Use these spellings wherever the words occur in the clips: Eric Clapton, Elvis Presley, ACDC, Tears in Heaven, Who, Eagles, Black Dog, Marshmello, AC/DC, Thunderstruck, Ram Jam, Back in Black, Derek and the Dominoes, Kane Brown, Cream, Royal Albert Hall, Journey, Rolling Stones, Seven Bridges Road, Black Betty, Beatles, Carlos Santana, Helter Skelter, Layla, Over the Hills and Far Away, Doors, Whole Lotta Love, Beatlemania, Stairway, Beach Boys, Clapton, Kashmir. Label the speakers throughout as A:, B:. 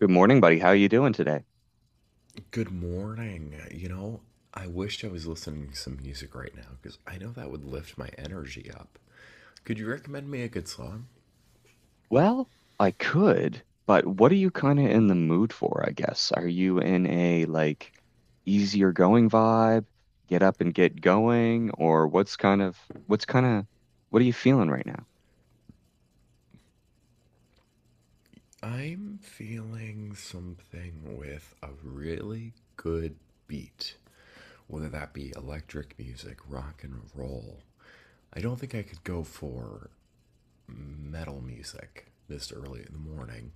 A: Good morning, buddy. How you doing today?
B: Good morning. I wished I was listening to some music right now because I know that would lift my energy up. Could you recommend me a good song?
A: Well, I could, but what are you kind of in the mood for, I guess? Are you in a like easier going vibe, get up and get going, or what's kind of what are you feeling right now?
B: I'm feeling something with a really good beat, whether that be electric music, rock and roll. I don't think I could go for metal music this early in the morning,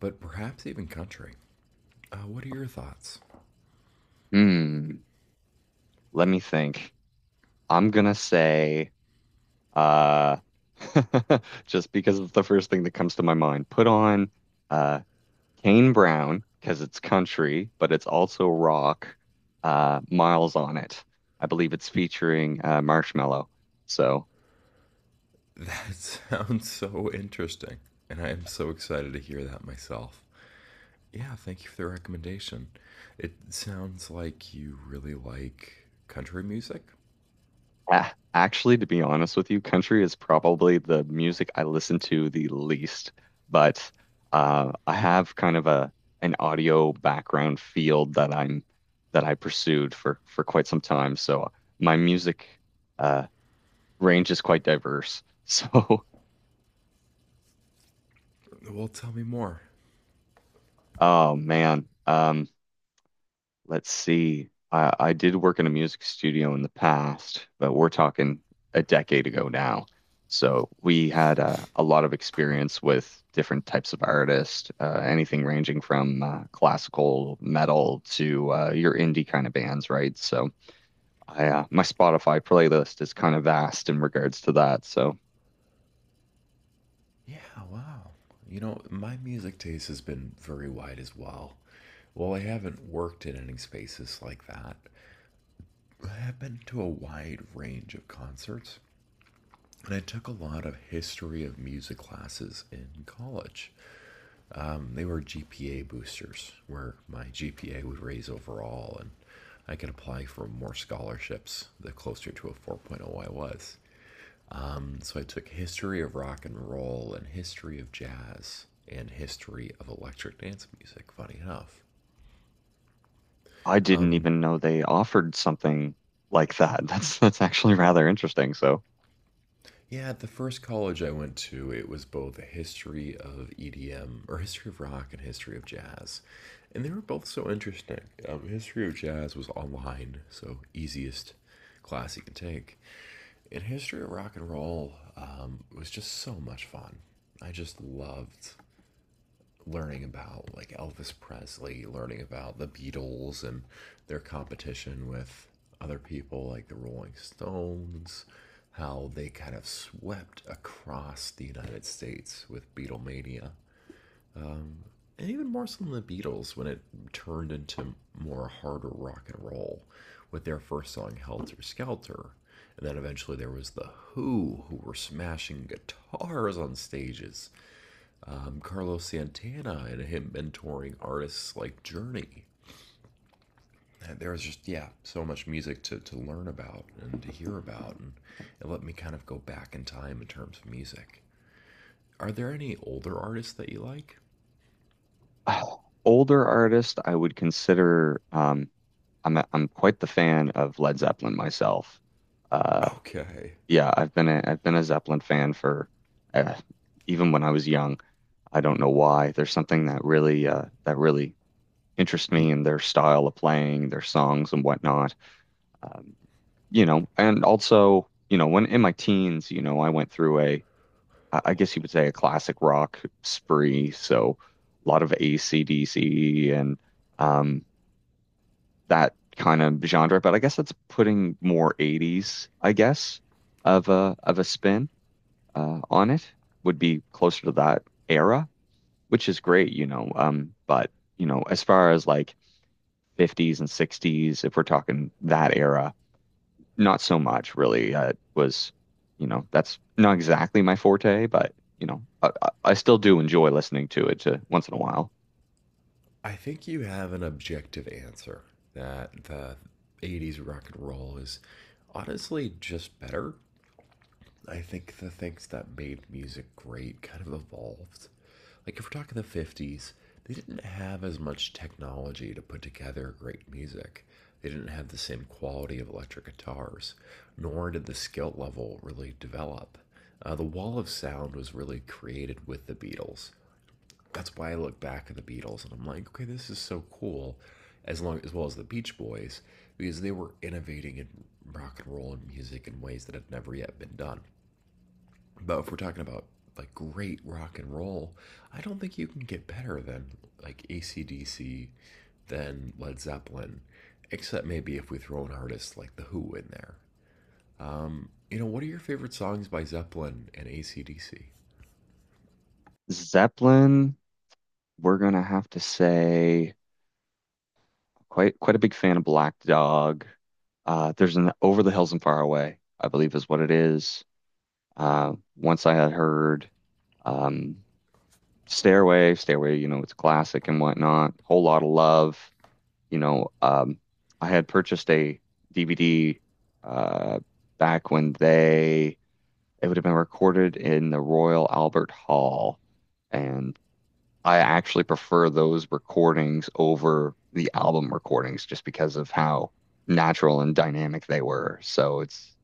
B: but perhaps even country. What are your thoughts?
A: Hmm, let me think. I'm gonna say uh just because it's the first thing that comes to my mind. Put on uh Kane Brown, because it's country, but it's also rock, Miles on it. I believe it's featuring Marshmello. So,
B: That sounds so interesting. And I am so excited to hear that myself. Yeah, thank you for the recommendation. It sounds like you really like country music.
A: actually, to be honest with you, country is probably the music I listen to the least, but I have kind of a an audio background field that I pursued for quite some time. So my music uh, range is quite diverse. So,
B: Well, tell me more.
A: oh man. Let's see. I did work in a music studio in the past, but we're talking a decade ago now. So we had a lot of experience with different types of artists, anything ranging from classical metal to your indie kind of bands, right? So I, my Spotify playlist is kind of vast in regards to that. So
B: Yeah, wow. You know, my music taste has been very wide as well. While I haven't worked in any spaces like that, I have been to a wide range of concerts, and I took a lot of history of music classes in college. They were GPA boosters, where my GPA would raise overall, and I could apply for more scholarships the closer to a 4.0 I was. So I took history of rock and roll and history of jazz and history of electric dance music. Funny enough,
A: I didn't even know they offered something like that. That's actually rather interesting. So
B: yeah, at the first college I went to, it was both a history of EDM or history of rock and history of jazz. And they were both so interesting. History of jazz was online, so easiest class you can take. And history of rock and roll was just so much fun. I just loved learning about like Elvis Presley, learning about the Beatles and their competition with other people like the Rolling Stones, how they kind of swept across the United States with Beatlemania. And even more so than the Beatles when it turned into more harder rock and roll with their first song Helter Skelter. And then eventually there was the who were smashing guitars on stages, Carlos Santana and him mentoring artists like Journey. And there was just yeah, so much music to learn about and to hear about, and it let me kind of go back in time in terms of music. Are there any older artists that you like?
A: older artist, I would consider. I'm quite the fan of Led Zeppelin myself. Uh,
B: Okay,
A: yeah, I've been a Zeppelin fan for uh, even when I was young. I don't know why. There's something that really that really interests me in their style of playing, their songs and whatnot. Um, you know, and also, you know, when in my teens, you know, I went through a I guess you would say a classic rock spree. So a lot of AC/DC and um, that kind of genre. But I guess that's putting more 80s, I guess, of a spin on it would be closer to that era, which is great, you know. But you know, as far as like 50s and 60s, if we're talking that era, not so much really. It was, you know, that's not exactly my forte, but you know, I still do enjoy listening to it once in a while.
B: I think you have an objective answer that the 80s rock and roll is honestly just better. I think the things that made music great kind of evolved. Like if we're talking the 50s, they didn't have as much technology to put together great music. They didn't have the same quality of electric guitars, nor did the skill level really develop. The wall of sound was really created with the Beatles. That's why I look back at the Beatles and I'm like, okay, this is so cool, as long as well as the Beach Boys, because they were innovating in rock and roll and music in ways that had never yet been done. But if we're talking about like great rock and roll, I don't think you can get better than like ACDC, than Led Zeppelin, except maybe if we throw an artist like The Who in there. You know, what are your favorite songs by Zeppelin and ACDC?
A: Zeppelin, we're gonna have to say quite a big fan of Black Dog. There's an Over the Hills and Far Away, I believe is what it is. Once I had heard um, Stairway, you know, it's a classic and whatnot. Whole lot of love. You know, I had purchased a DVD, uh, back when they it would have been recorded in the Royal Albert Hall, and I actually prefer those recordings over the album recordings just because of how natural and dynamic they were. So it's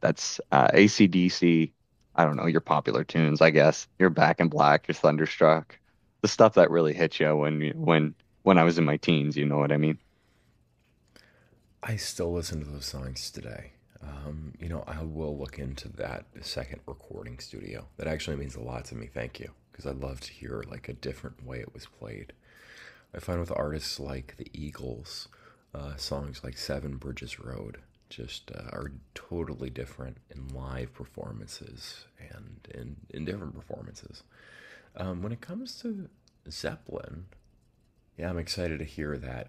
A: that's AC/DC. I don't know your popular tunes, I guess. Your Back in Black, your Thunderstruck, the stuff that really hit you when I was in my teens. You know what I mean?
B: I still listen to those songs today. You know, I will look into that second recording studio. That actually means a lot to me. Thank you, because I love to hear like a different way it was played. I find with artists like the Eagles, songs like Seven Bridges Road just are totally different in live performances and in different performances. When it comes to Zeppelin, yeah, I'm excited to hear that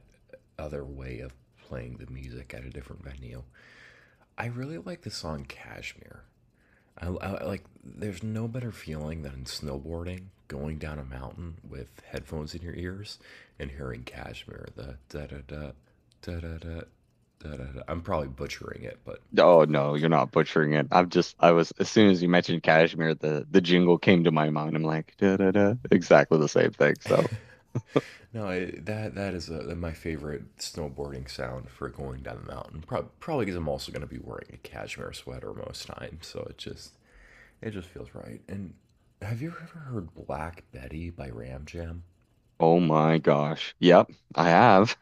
B: other way of playing the music at a different venue. I really like the song Kashmir. I There's no better feeling than snowboarding, going down a mountain with headphones in your ears, and hearing Kashmir. The da da da da da da da da. I'm probably butchering it, but
A: Oh no, you're not butchering it. I'm just I was As soon as you mentioned cashmere, the jingle came to my mind. I'm like, da da da, exactly the same thing. So,
B: no, it, that that is my favorite snowboarding sound for going down the mountain. Probably because I'm also going to be wearing a cashmere sweater most times, so it just feels right. And have you ever heard Black Betty by Ram Jam?
A: oh my gosh. Yep, I have.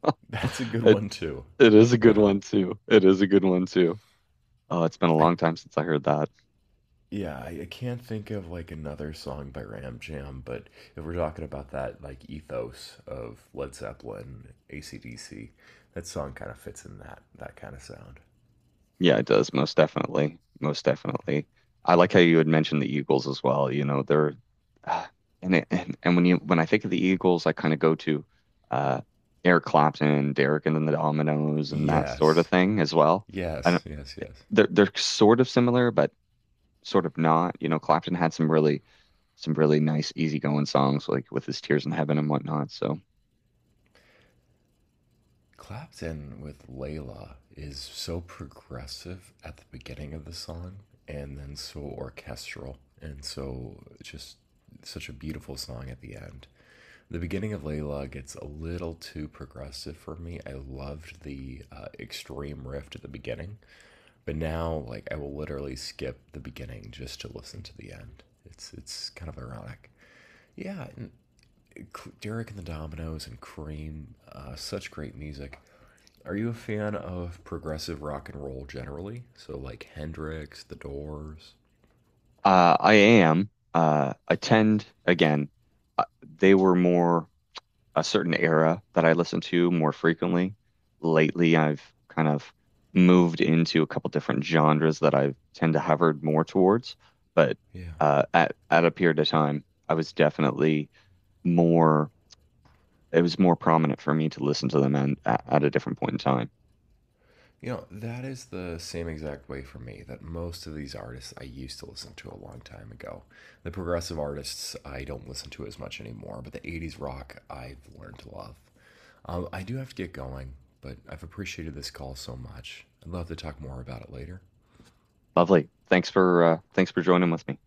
B: That's a good
A: It
B: one too.
A: is a good
B: Yeah.
A: one too. It is a good one too. Oh, it's been a
B: I
A: long time since I heard that.
B: I can't think of like another song by Ram Jam, but if we're talking about that like ethos of Led Zeppelin, ACDC, that song kind of fits in that kind of sound.
A: Yeah, it does, most definitely. Most definitely. I like how you had mentioned the Eagles as well. You know, they're ah, and when you when I think of the Eagles, I kind of go to uh Eric Clapton, Derek and then the Dominoes and that sort of
B: Yes.
A: thing as well. I
B: Yes,
A: don't
B: yes, yes.
A: they're sort of similar, but sort of not. You know, Clapton had some really nice easygoing songs like with his Tears in Heaven and whatnot. So
B: Clapton with Layla is so progressive at the beginning of the song and then so orchestral and so just such a beautiful song at the end. The beginning of Layla gets a little too progressive for me. I loved the extreme riff at the beginning, but now like I will literally skip the beginning just to listen to the end. It's kind of ironic. Yeah, and Derek and the Dominoes and Cream, such great music. Are you a fan of progressive rock and roll generally? So like Hendrix, The Doors.
A: I am attend again. Uh, they were more a certain era that I listen to more frequently. Lately, I've kind of moved into a couple different genres that I tend to hover more towards. But
B: Yeah.
A: at a period of time, I was definitely more. It was more prominent for me to listen to them and at a different point in time.
B: You know, that is the same exact way for me that most of these artists I used to listen to a long time ago. The progressive artists I don't listen to as much anymore, but the 80s rock I've learned to love. I do have to get going, but I've appreciated this call so much. I'd love to talk more about it later.
A: Lovely. Thanks for thanks for joining with me.